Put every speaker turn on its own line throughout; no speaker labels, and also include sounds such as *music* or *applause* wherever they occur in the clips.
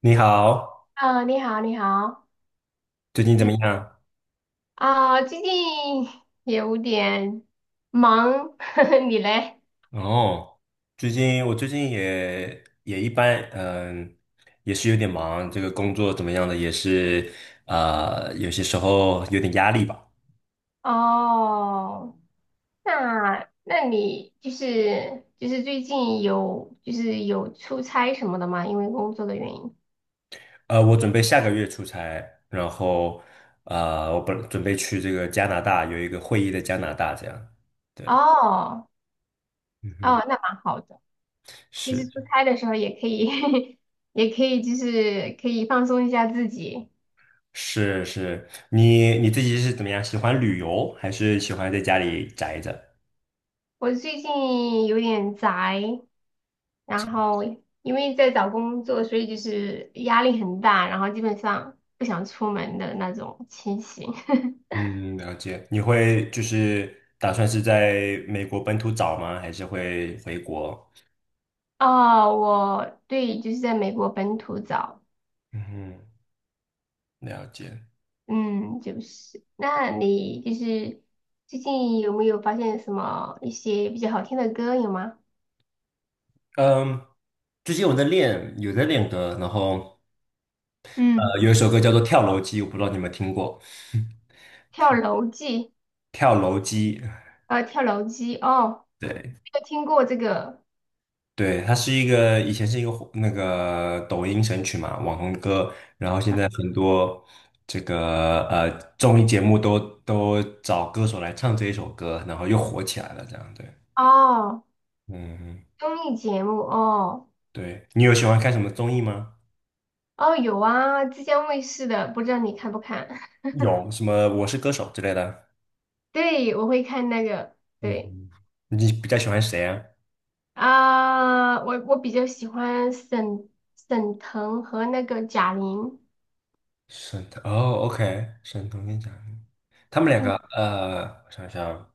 你好，
啊，你好，你好，
最近怎么
最
样？
最近有点忙，*laughs* 你嘞？
哦，最近也一般，也是有点忙，这个工作怎么样的也是，啊，有些时候有点压力吧。
哦，那你就是最近有就是有出差什么的吗？因为工作的原因。
我准备下个月出差，然后我本准备去这个加拿大，有一个会议在加拿大，这样。对，
哦
嗯哼，
哦，那蛮好的，就是出
是
差的时候也可以，*laughs* 也可以就是可以放松一下自己。
是是，你自己是怎么样？喜欢旅游还是喜欢在家里宅着？
我最近有点宅，然后因为在找工作，所以就是压力很大，然后基本上不想出门的那种情形。*laughs*
嗯，了解。你会就是打算是在美国本土找吗？还是会回国？
哦，我对，就是在美国本土找，
嗯，了解。
嗯，就是，那你就是最近有没有发现什么一些比较好听的歌有吗？
嗯，最近我在练，有在练歌，然后
嗯，
有一首歌叫做《跳楼机》，我不知道你有没有听过。
跳楼机，
跳楼机，
跳楼机，哦，
对
没有听过这个，
对，它是一个以前是一个火那个抖音神曲嘛，网红歌，然后现在很多这个综艺节目都找歌手来唱这一首歌，然后又火起来了，这样对。
哦，
嗯，
综艺节目，哦，
对，你有喜欢看什么综艺吗？
哦，有啊，浙江卫视的，不知道你看不看？
有什么《我是歌手》之类的？
对，我会看那个，对
嗯，你比较喜欢谁啊？
啊，我比较喜欢沈腾和那个贾玲。
沈腾哦，OK，沈腾跟贾玲，他们两
嗯
个，我想想，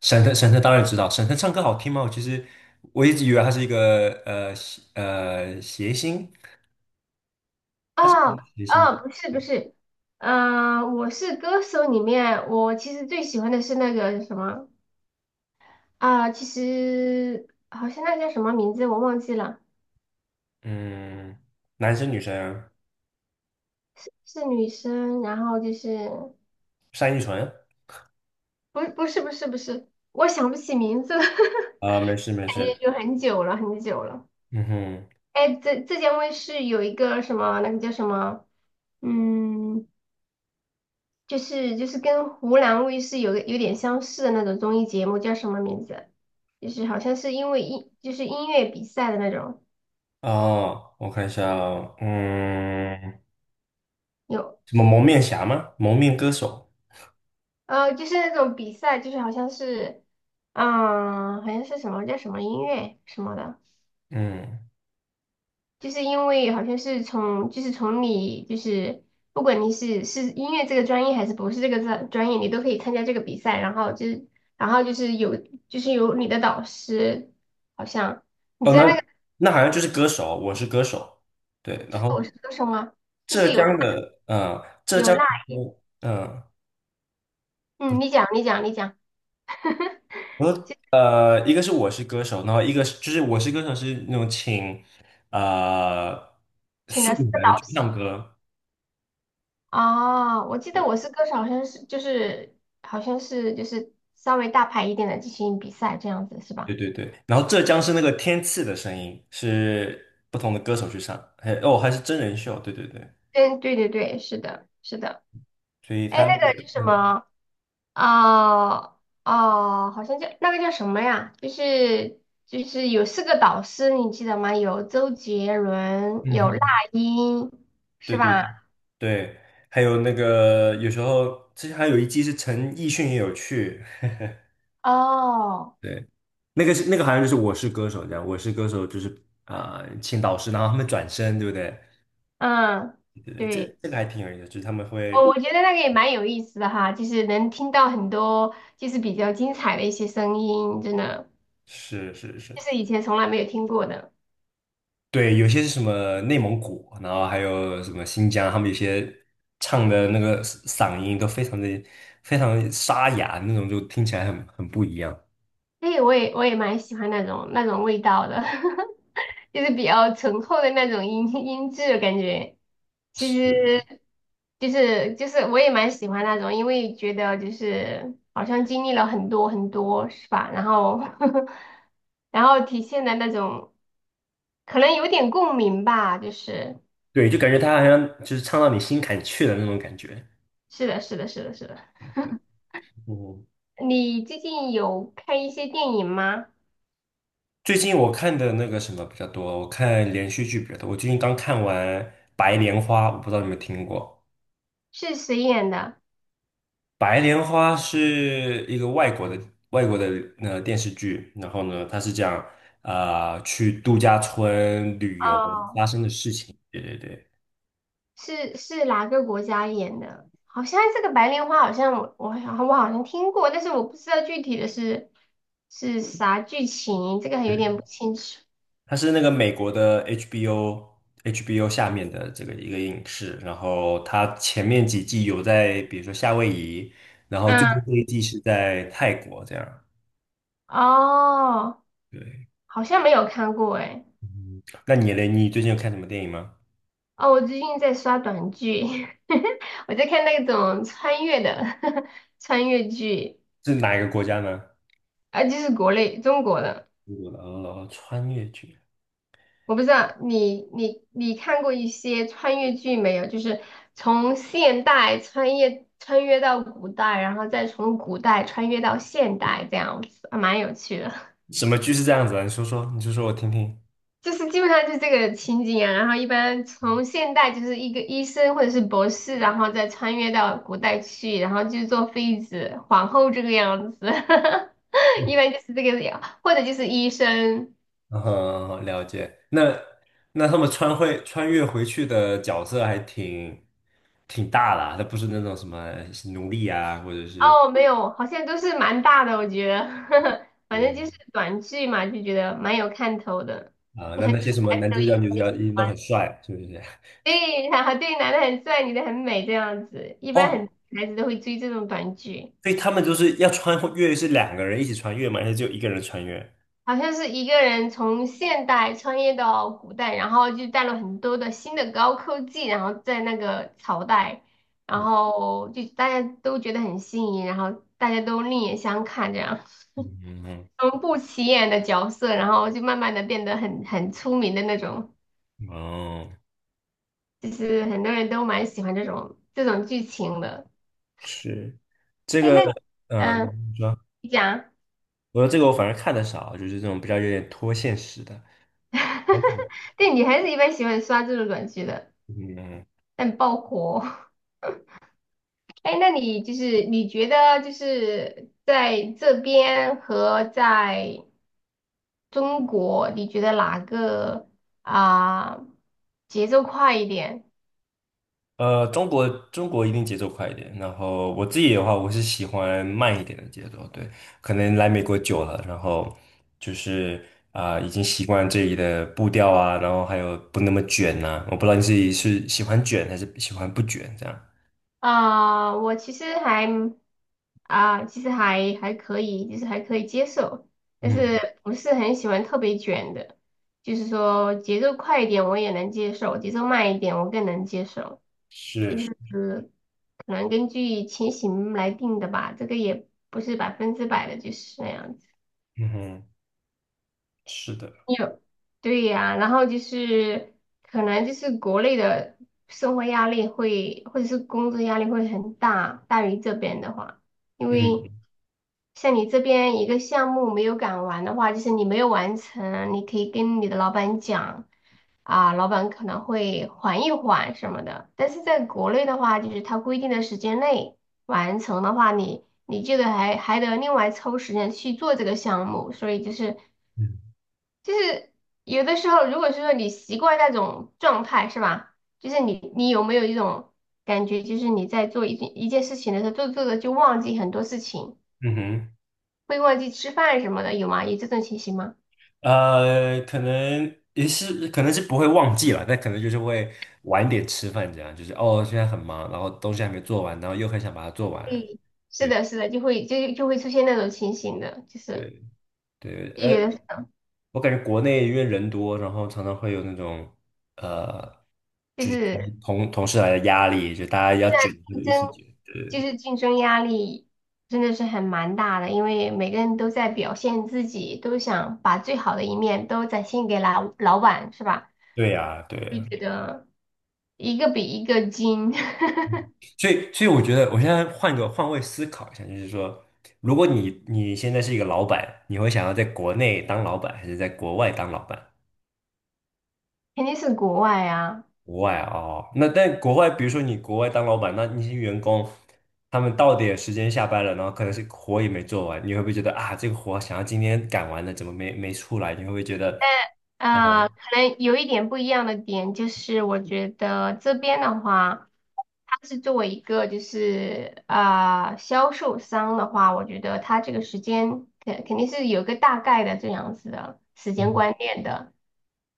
沈腾当然知道，沈腾唱歌好听吗？我其实，我一直以为他是一个谐星，他是
啊
谐星，
啊，不是不是，嗯、我是歌手里面，我其实最喜欢的是那个什么啊，其实好像那叫什么名字我忘记了，
嗯，男生女生啊，
是女生，然后就是
单依纯
不是不是不是，我想不起名字了，
啊，没事
*laughs*
没
感觉
事，
有很久了很久了。
嗯哼，
哎，浙江卫视有一个什么，那个叫什么？嗯，就是跟湖南卫视有个有点相似的那种综艺节目，叫什么名字？就是好像是因为音就是音乐比赛的那种，
哦，我看一下哦嗯。
有
什么蒙面侠吗？蒙面歌手，
就是那种比赛，就是好像是嗯好像是什么叫什么音乐什么的，
嗯，
就是因为好像是从你就是不管你是音乐这个专业还是不是这个专业，你都可以参加这个比赛，然后就是然后就是有有你的导师好像。你
哦，
知
那
道那
那好像就是歌手，我是歌手，对。
其
然
实
后
我是歌手吗？就
浙
是有辣
江的，
有辣，
嗯、
嗯，你讲，*laughs*
我说一个是我是歌手，然后一个是就是我是歌手是那种请呃
请
素
了四个
人
导
去
师
唱歌，
啊，我记得
对
我是歌手，好像是就是好像是就是稍微大牌一点的进行比赛这样子是吧？
对对对。然后浙江是那个天赐的声音，是不同的歌手去唱，还是真人秀，对对对，
嗯，对对对，是的，是的，
所以
哎，
他那个
那个叫什
嗯
么哦哦，好像叫那个叫什么呀？就是有四个导师，你记得吗？有周杰伦，
嗯
有那
哼，
英，
对
是
对。
吧？
对，还有那个有时候之前还有一季是陈奕迅也有去，
哦，
对，那个好像就是《我是歌手》这样，《我是歌手》就是请导师，然后他们转身，对不对？
嗯。
对，这个
对。
这个还挺有意思，就是他们
哦，
会
我觉得那个也蛮有意思的哈，就是能听到很多就是比较精彩的一些声音，真的，
是是是，
就是以前从来没有听过的。
对，有些是什么内蒙古，然后还有什么新疆，他们有些唱的那个嗓音都非常沙哑，那种就听起来很不一样。
哎，我也蛮喜欢那种味道的，*laughs* 就是比较醇厚的那种音质的感觉。其
是，
实，就是我也蛮喜欢那种，因为觉得就是好像经历了很多很多，是吧？然后 *laughs* 然后体现的那种可能有点共鸣吧，就是。
对，就感觉他好像就是唱到你心坎去了那种感觉。
是的，是的，是的，是的，
嗯。
你最近有看一些电影吗？
最近我看的那个什么比较多，我看连续剧比较多。我最近刚看完《白莲花》，我不知道你们听过。
是谁演的？
《白莲花》是一个外国的电视剧，然后呢，它是讲去度假村旅游
哦，
发生的事情。对对对，
是哪个国家演的？好像这个白莲花，好像我好像听过，但是我不知道具体的是啥剧情，这个还有点不清楚。
它是那个美国的 HBO 下面的这个一个影视，然后它前面几季有在比如说夏威夷，然后最
嗯，
后这一季是在泰国这样。
哦，
对。
好像没有看过哎。
嗯那你嘞？你最近有看什么电影吗？
哦，我最近在刷短剧，*laughs* 我在看那种穿越的 *laughs* 穿越剧，
是哪一个国家呢？
啊，就是国内中国的。
哦，穿越剧，
我不知道你看过一些穿越剧没有？就是从现代穿越到古代，然后再从古代穿越到现代，这样子还蛮有趣的。
什么剧是这样子的？你说说，你说说我听听。
*laughs* 就是基本上就是这个情景啊，然后一般从现代就是一个医生或者是博士，然后再穿越到古代去，然后就做妃子、皇后这个样子，*laughs* 一般就是这个样，或者就是医生。
嗯哼，了解。那他们会穿越回去的角色还挺大的那不是那种什么奴隶啊，或者是
哦，没有，好像都是蛮大的，我觉得，*laughs* 呵呵，反正就是
哦
短剧嘛，就觉得蛮有看头的。
啊，
你
那
很
那
多
些什么
孩子
男
都
主
应
角、女主
该
角
喜
一定都很
欢，
帅，是不是？
对，*laughs* 然后对，男的很帅，女的很美，这样子，一
*laughs*
般
哦，
很孩子都会追这种短剧。
所以他们就是要穿越，是两个人一起穿越嘛，还是就一个人穿越？
好像是一个人从现代穿越到古代，然后就带了很多的新的高科技，然后在那个朝代，然
嗯
后就大家都觉得很新颖，然后大家都另眼相看这样。
嗯
从不起眼的角色，然后就慢慢的变得很出名的那种，
嗯，哦。
就是很多人都蛮喜欢这种剧情的。
是这
哎，
个，
那你，
嗯，
嗯，
你说，
你讲，
我说这个我反而看的少，就是这种比较有点脱现实的。
*laughs* 对，女孩子一般喜欢刷这种短剧的，
嗯，
但爆火。*laughs* 哎，那你就是你觉得就是在这边和在中国，你觉得哪个啊、节奏快一点？
中国一定节奏快一点，然后我自己的话，我是喜欢慢一点的节奏，对，可能来美国久了，然后就是已经习惯这里的步调啊，然后还有不那么卷呐、我不知道你自己是喜欢卷还是喜欢不卷这样。
啊、我其实还啊、其实还可以，就是还可以接受，但
嗯，
是不是很喜欢特别卷的，就是说节奏快一点我也能接受，节奏慢一点我更能接受，
是，是
就是可能根据情形来定的吧，这个也不是百分之百的，就是那样子。
嗯哼，是的，
有，对呀，然后就是可能就是国内的生活压力会，或者是工作压力会很大，大于这边的话，因
嗯
为像你这边一个项目没有赶完的话，就是你没有完成，你可以跟你的老板讲，啊，老板可能会缓一缓什么的，但是在国内的话，就是他规定的时间内完成的话，你这个还得另外抽时间去做这个项目，所以就是。
嗯
就是有的时候，如果是说你习惯那种状态，是吧？就是你有没有一种感觉，就是你在做一件一件事情的时候，做着做着就忘记很多事情，
嗯哼。
会忘记吃饭什么的，有吗？有这种情形吗？
可能也是，可能是不会忘记了，但可能就是会晚点吃饭，这样就是哦，现在很忙，然后东西还没做完，然后又很想把它做完。
对，是
对
的，是的，就会出现那种情形的，就是
对对，
有的
我感觉国内因为人多，然后常常会有那种呃，
就
就是同
是
同同事来的压力，就大家要卷，就
竞
一
争，
起卷。
就
对
是竞争压力真的是很蛮大的，因为每个人都在表现自己，都想把最好的一面都展现给老板，是吧？
对呀，对
就觉
呀。
得。一个比一个精，*laughs*
所以我觉得我现在换位思考一下，就是说，如果你现在是一个老板，你会想要在国内当老板，还是在国外当老板？
肯定是国外啊。
国外哦，那但国外，比如说你国外当老板，那些员工，他们到点时间下班了，然后可能是活也没做完，你会不会觉得啊，这个活想要今天赶完的，怎么没出来？你会不会觉得，
啊，可能有一点不一样的点就是，我觉得这边的话，它是作为一个就是销售商的话，我觉得它这个时间肯定是有个大概的这样子的时间
嗯
观念的。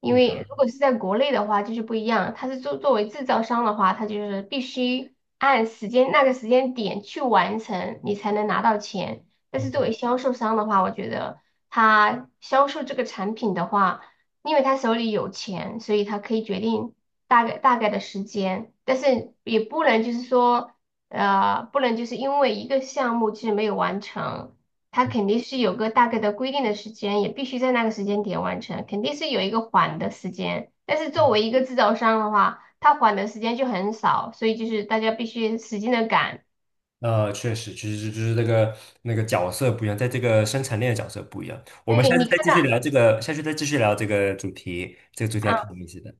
因
嗯，
为如果是在国内的话，就是不一样，它是作为制造商的话，它就是必须按时间那个时间点去完成，你才能拿到钱。但是作为销售商的话，我觉得他销售这个产品的话。因为他手里有钱，所以他可以决定大概的时间，但是也不能就是说，不能就是因为一个项目就是没有完成，他肯定是有个大概的规定的时间，也必须在那个时间点完成，肯定是有一个缓的时间。但是作为一个制造商的话，他缓的时间就很少，所以就是大家必须使劲的赶。
确实，其实就是那个角色不一样，在这个生产链的角色不一样。我们
对，
下次
你看
再继续
到，
聊这个，下次再继续聊这个主题，这个主题还
嗯，
挺有意思的。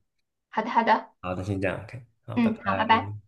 好的好的，
好，那先这样，OK，好，拜
嗯，好，拜拜。
拜。